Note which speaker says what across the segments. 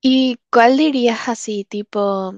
Speaker 1: ¿Y cuál dirías, así, tipo,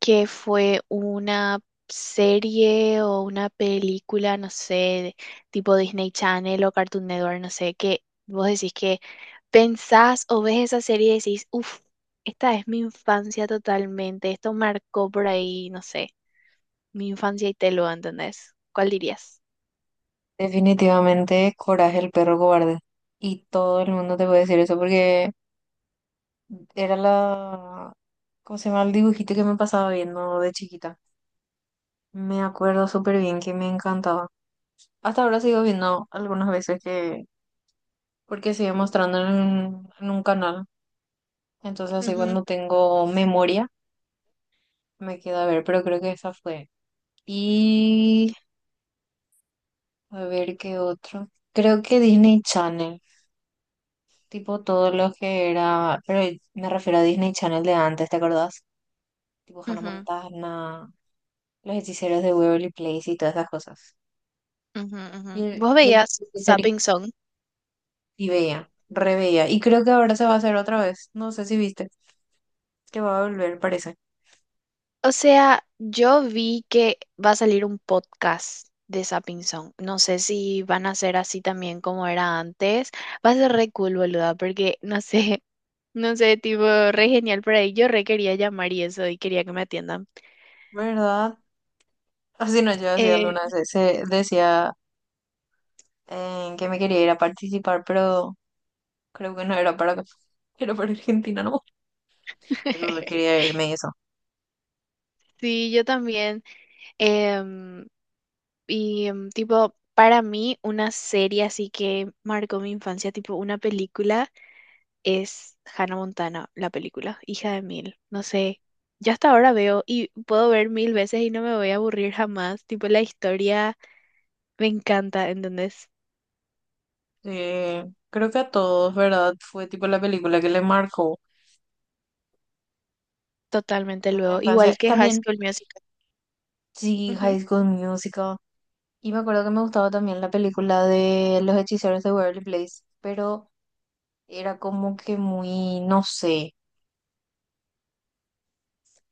Speaker 1: que fue una serie o una película, no sé, tipo Disney Channel o Cartoon Network, no sé, que vos decís que pensás o ves esa serie y decís, uff, esta es mi infancia totalmente, esto marcó por ahí, no sé, mi infancia y te lo, ¿entendés? ¿Cuál dirías?
Speaker 2: Definitivamente, Coraje, el perro cobarde. Y todo el mundo te puede decir eso porque era la, ¿cómo se llama? El dibujito que me pasaba viendo de chiquita. Me acuerdo súper bien que me encantaba. Hasta ahora sigo viendo algunas veces que, porque sigue mostrando un canal. Entonces así
Speaker 1: Ujú,
Speaker 2: cuando tengo memoria me queda a ver, pero creo que esa fue. Y a ver qué otro. Creo que Disney Channel. Tipo todo lo que era, pero me refiero a Disney Channel de antes, ¿te acordás? Tipo Hannah
Speaker 1: ujú,
Speaker 2: Montana, Los Hechiceros de Waverly Place y todas esas cosas.
Speaker 1: ujú,
Speaker 2: Y
Speaker 1: ujú.
Speaker 2: el,
Speaker 1: ¿Vos
Speaker 2: y el
Speaker 1: veías
Speaker 2: Hechicería,
Speaker 1: Sapping Song?
Speaker 2: y veía, reveía. Y creo que ahora se va a hacer otra vez. No sé si viste, que va a volver, parece.
Speaker 1: O sea, yo vi que va a salir un podcast de Sapping Song. No sé si van a ser así también como era antes. Va a ser re cool, boluda, porque no sé, no sé, tipo, re genial por ahí. Yo re quería llamar y eso, y quería que me atiendan.
Speaker 2: ¿Verdad? Así no, yo decía
Speaker 1: Eh,
Speaker 2: alguna vez, se decía que me quería ir a participar, pero creo que no era era para Argentina, ¿no? Pero quería irme y eso.
Speaker 1: sí, yo también. Em, y tipo, para mí, una serie así que marcó mi infancia, tipo una película. Es Hannah Montana, la película, hija de Mil. No sé, yo hasta ahora veo y puedo ver mil veces y no me voy a aburrir jamás. Tipo, la historia me encanta, ¿entendés?
Speaker 2: Sí, creo que a todos, ¿verdad? Fue tipo la película que le marcó
Speaker 1: Totalmente
Speaker 2: en la
Speaker 1: luego.
Speaker 2: infancia.
Speaker 1: Igual que High
Speaker 2: También,
Speaker 1: School Musical.
Speaker 2: sí,
Speaker 1: Ujú.
Speaker 2: High School Musical. Y me acuerdo que me gustaba también la película de Los Hechiceros de Waverly Place, pero era como que muy, no sé,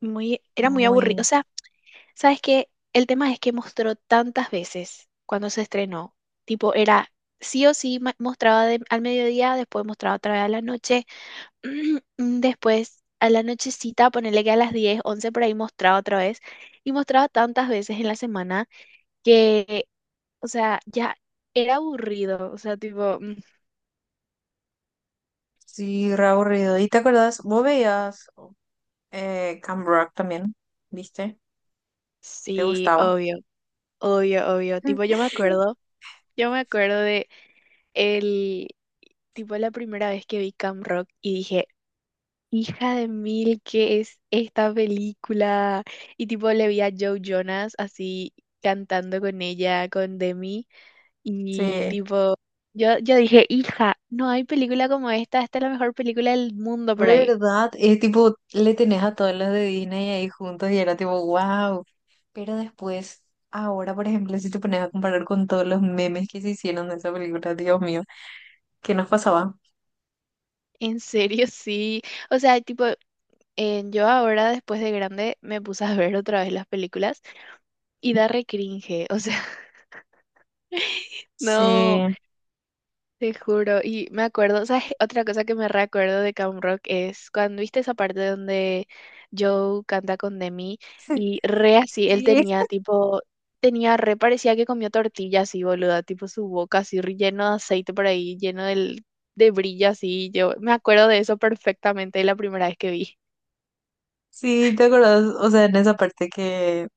Speaker 1: Muy, era muy aburrido. O
Speaker 2: muy,
Speaker 1: sea, ¿sabes qué? El tema es que mostró tantas veces cuando se estrenó. Tipo, era sí o sí mostraba al mediodía, después mostraba otra vez a la noche. Después, a la nochecita, ponele que a las 10 11 por ahí, mostraba otra vez. Y mostraba tantas veces en la semana que, o sea, ya era aburrido. O sea, tipo,
Speaker 2: sí, re aburrido. ¿Y te acuerdas? Vos veías Camp Rock también, ¿viste? ¿Te
Speaker 1: sí,
Speaker 2: gustaba?
Speaker 1: obvio, obvio, obvio. Tipo, yo me acuerdo de el, tipo, la primera vez que vi Cam Rock y dije, hija de mil, ¿qué es esta película? Y tipo, le vi a Joe Jonas así cantando con ella, con Demi. Y
Speaker 2: Sí.
Speaker 1: tipo, yo dije, hija, no hay película como esta es la mejor película del mundo por ahí.
Speaker 2: ¿Verdad? Es tipo, le tenés a todos los de Disney ahí juntos y era tipo, wow. Pero después, ahora, por ejemplo, si te pones a comparar con todos los memes que se hicieron de esa película, Dios mío, ¿qué nos pasaba?
Speaker 1: En serio, sí. O sea, tipo, yo ahora, después de grande, me puse a ver otra vez las películas y da re cringe. O sea, no.
Speaker 2: Sí.
Speaker 1: Te juro, y me acuerdo, ¿sabes? Otra cosa que me recuerdo de Camp Rock es cuando viste esa parte donde Joe canta con Demi y re así, él
Speaker 2: Sí,
Speaker 1: tenía tipo, tenía re, parecía que comió tortilla así, boluda, tipo su boca así re lleno de aceite por ahí, lleno del, de brillo así, yo me acuerdo de eso perfectamente la primera vez que vi.
Speaker 2: sí, ¿te acordás? O sea, en esa parte que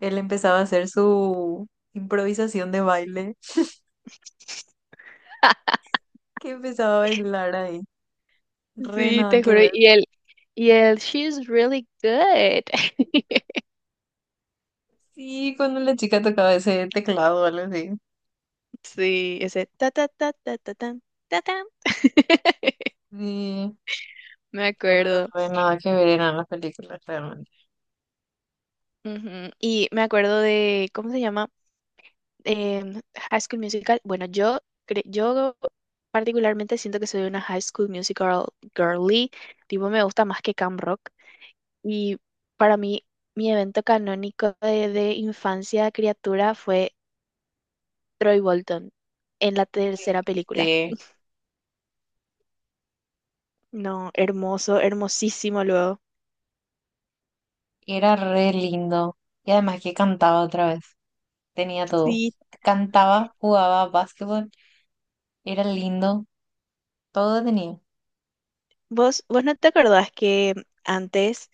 Speaker 2: él empezaba a hacer su improvisación de baile, que empezaba a bailar ahí. Re
Speaker 1: Sí,
Speaker 2: nada
Speaker 1: te
Speaker 2: que
Speaker 1: juro,
Speaker 2: ver.
Speaker 1: y él, she's really good.
Speaker 2: Sí, cuando la chica tocaba ese teclado o algo así.
Speaker 1: Sí, ese ta ta ta ta ta tan, ta tan.
Speaker 2: Sí.
Speaker 1: Me
Speaker 2: No, pero
Speaker 1: acuerdo.
Speaker 2: re nada que ver eran las películas realmente.
Speaker 1: Ujú. Y me acuerdo de, ¿cómo se llama? Em, High School Musical. Bueno, yo, yo particularmente siento que soy una High School Musical girly. Tipo, me gusta más que Camp Rock. Y para mí, mi evento canónico de infancia, criatura, fue Troy Bolton en la
Speaker 2: Uy,
Speaker 1: tercera película.
Speaker 2: sí.
Speaker 1: No, hermoso, hermosísimo luego.
Speaker 2: Y era re lindo. Y además que cantaba otra vez. Tenía todo.
Speaker 1: Sí,
Speaker 2: Cantaba, jugaba básquetbol. Era lindo. Todo tenía.
Speaker 1: vos no te acordás que antes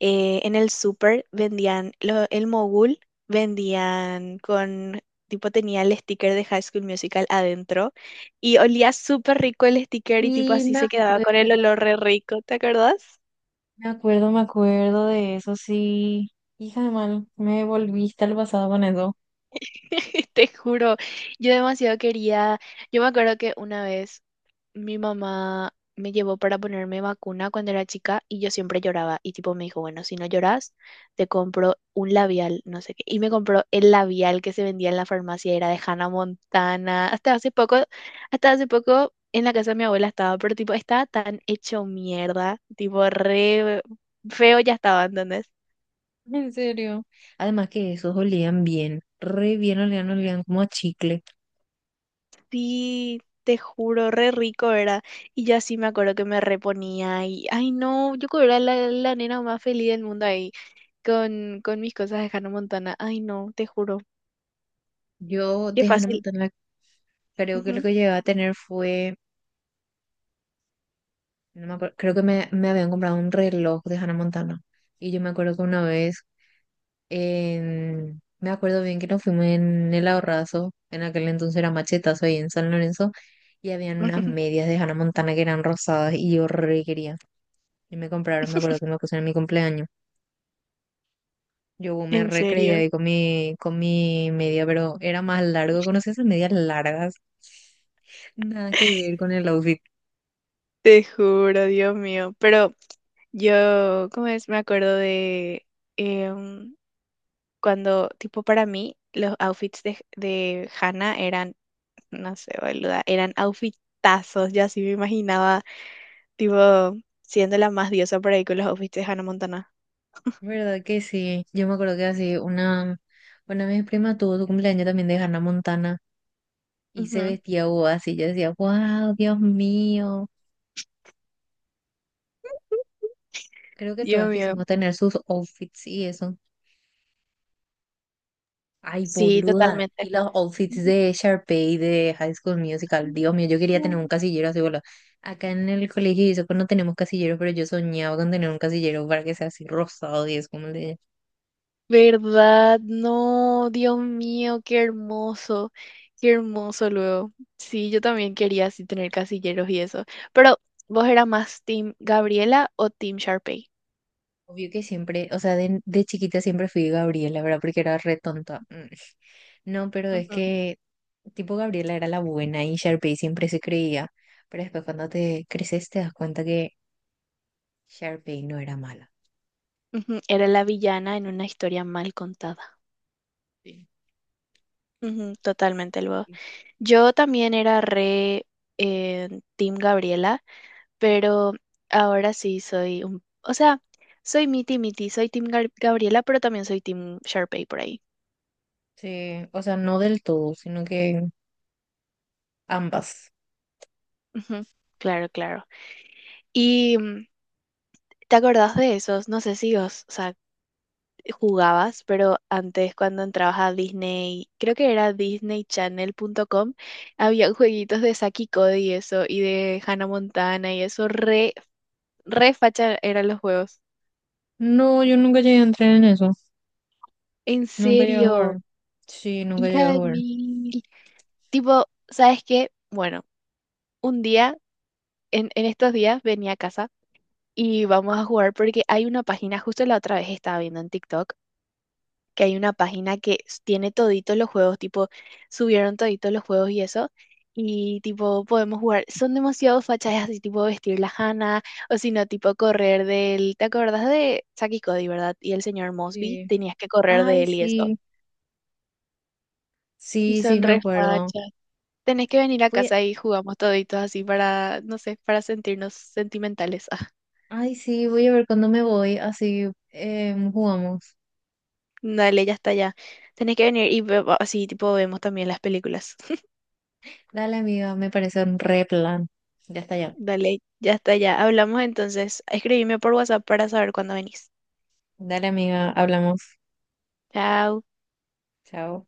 Speaker 1: en el súper vendían el mogul, vendían con, tipo tenía el sticker de High School Musical adentro y olía súper rico el sticker y tipo
Speaker 2: Y
Speaker 1: así
Speaker 2: me
Speaker 1: se quedaba con el
Speaker 2: acuerdo,
Speaker 1: olor re rico, ¿te acordás?
Speaker 2: me acuerdo, me acuerdo de eso, sí. Hija de mal, me volviste al pasado con eso.
Speaker 1: Te juro, yo demasiado quería, yo me acuerdo que una vez mi mamá me llevó para ponerme vacuna cuando era chica y yo siempre lloraba y tipo me dijo, bueno, si no lloras, te compro un labial, no sé qué. Y me compró el labial que se vendía en la farmacia, era de Hannah Montana. Hasta hace poco en la casa de mi abuela estaba, pero tipo estaba tan hecho mierda, tipo re feo ya estaba, ¿entendés?
Speaker 2: En serio. Además que esos olían bien. Re bien olían, olían como a chicle.
Speaker 1: Sí. Te juro, re rico era. Y yo así me acuerdo que me reponía y, ay no, yo creo que era la nena más feliz del mundo ahí. Con mis cosas de Hannah Montana. Ay, no, te juro.
Speaker 2: Yo
Speaker 1: Qué
Speaker 2: de Hannah
Speaker 1: fácil.
Speaker 2: Montana creo que lo
Speaker 1: Ujú.
Speaker 2: que llegué a tener fue. No me acuerdo, creo que me habían comprado un reloj de Hannah Montana. Y yo me acuerdo que una vez, en- me acuerdo bien que nos fuimos en el Ahorrazo, en aquel entonces era Machetazo ahí en San Lorenzo, y habían unas medias de Hannah Montana que eran rosadas y yo re quería. Y me compraron, me acuerdo que me pusieron en mi cumpleaños. Yo me
Speaker 1: En
Speaker 2: re
Speaker 1: serio,
Speaker 2: ahí con mi media, pero era más largo, ¿conoces esas medias largas? Nada que ver con el outfit.
Speaker 1: te juro, Dios mío. Pero yo, ¿cómo es? Me acuerdo de em, cuando, tipo, para mí, los outfits de Hannah eran, no sé, boluda, eran outfitazos. Yo así me imaginaba, tipo, siendo la más diosa por ahí con los outfits de Hannah Montana.
Speaker 2: ¿Verdad que sí? Yo me acuerdo que así una de mis primas tuvo su cumpleaños también de Hannah Montana y se
Speaker 1: Ujú.
Speaker 2: vestía o así. Yo decía, wow, Dios mío. Creo que todas
Speaker 1: Dios mío.
Speaker 2: quisimos tener sus outfits y eso. Ay,
Speaker 1: Sí,
Speaker 2: boluda.
Speaker 1: totalmente.
Speaker 2: Y los outfits de Sharpay de High School Musical. Dios mío, yo quería tener un casillero así, boludo. Acá en el colegio y eso, pues no tenemos casilleros, pero yo soñaba con tener un casillero para que sea así rosado y es como el de ella.
Speaker 1: ¿Verdad? No, Dios mío, qué hermoso luego. Sí, yo también quería así tener casilleros y eso. Pero, ¿vos eras más Team Gabriela o Team Sharpay?
Speaker 2: Obvio que siempre, o sea, de chiquita siempre fui Gabriela, ¿verdad? Porque era re tonta. Mm. No, pero es
Speaker 1: Ujú,
Speaker 2: que tipo Gabriela era la buena y Sharpay siempre se creía, pero después cuando te creces te das cuenta que Sharpay no era mala.
Speaker 1: ujú. Era la villana en una historia mal contada.
Speaker 2: Sí.
Speaker 1: Ujú, totalmente luego. Yo también era re eh, Team Gabriela, pero ahora sí soy un... O sea, soy miti miti, soy Gabriela, pero también soy Team Sharpay por ahí.
Speaker 2: Sí, o sea, no del todo, sino que ambas.
Speaker 1: Ujú. Claro, claro. Y te acordás de esos, no sé si vos, o sea, jugabas, pero antes cuando entrabas a Disney, creo que era Disney disneychannel.com, había jueguitos de Saki y Cody y eso, y de Hannah Montana y eso, re, re facha eran los juegos.
Speaker 2: No, yo nunca llegué a entrar en eso.
Speaker 1: En
Speaker 2: Nunca llegué a jugar.
Speaker 1: serio,
Speaker 2: Sí, nunca llegué
Speaker 1: hija
Speaker 2: a
Speaker 1: de
Speaker 2: jugar.
Speaker 1: mil. Tipo, ¿sabes qué? Bueno, un día, en estos días venía a casa y vamos a jugar porque hay una página, justo la otra vez estaba viendo en TikTok que hay una página que tiene toditos los juegos, tipo, subieron toditos los juegos y eso. Y tipo, podemos jugar. Son demasiado fachas, así, tipo vestir la Hannah, o si no, tipo correr del. ¿Te acordás de Saki Cody, verdad? Y el señor Mosby,
Speaker 2: Sí.
Speaker 1: tenías que correr de
Speaker 2: Ay,
Speaker 1: él y eso.
Speaker 2: sí.
Speaker 1: Y
Speaker 2: Sí, sí,
Speaker 1: son
Speaker 2: me
Speaker 1: re
Speaker 2: acuerdo.
Speaker 1: fachas. Tenés que venir a
Speaker 2: Voy
Speaker 1: casa y jugamos toditos así para, no sé, para sentirnos sentimentales. Ah,
Speaker 2: Ay, sí, voy a ver cuando me voy. Así jugamos.
Speaker 1: dale, ya está ya. Tenés que venir y así, tipo, vemos también las películas.
Speaker 2: Dale, amiga, me parece un re plan. Ya está ya.
Speaker 1: Dale, ya está, ya. Hablamos entonces. Escribime por WhatsApp para saber cuándo venís.
Speaker 2: Dale, amiga, hablamos.
Speaker 1: Chao.
Speaker 2: Chao.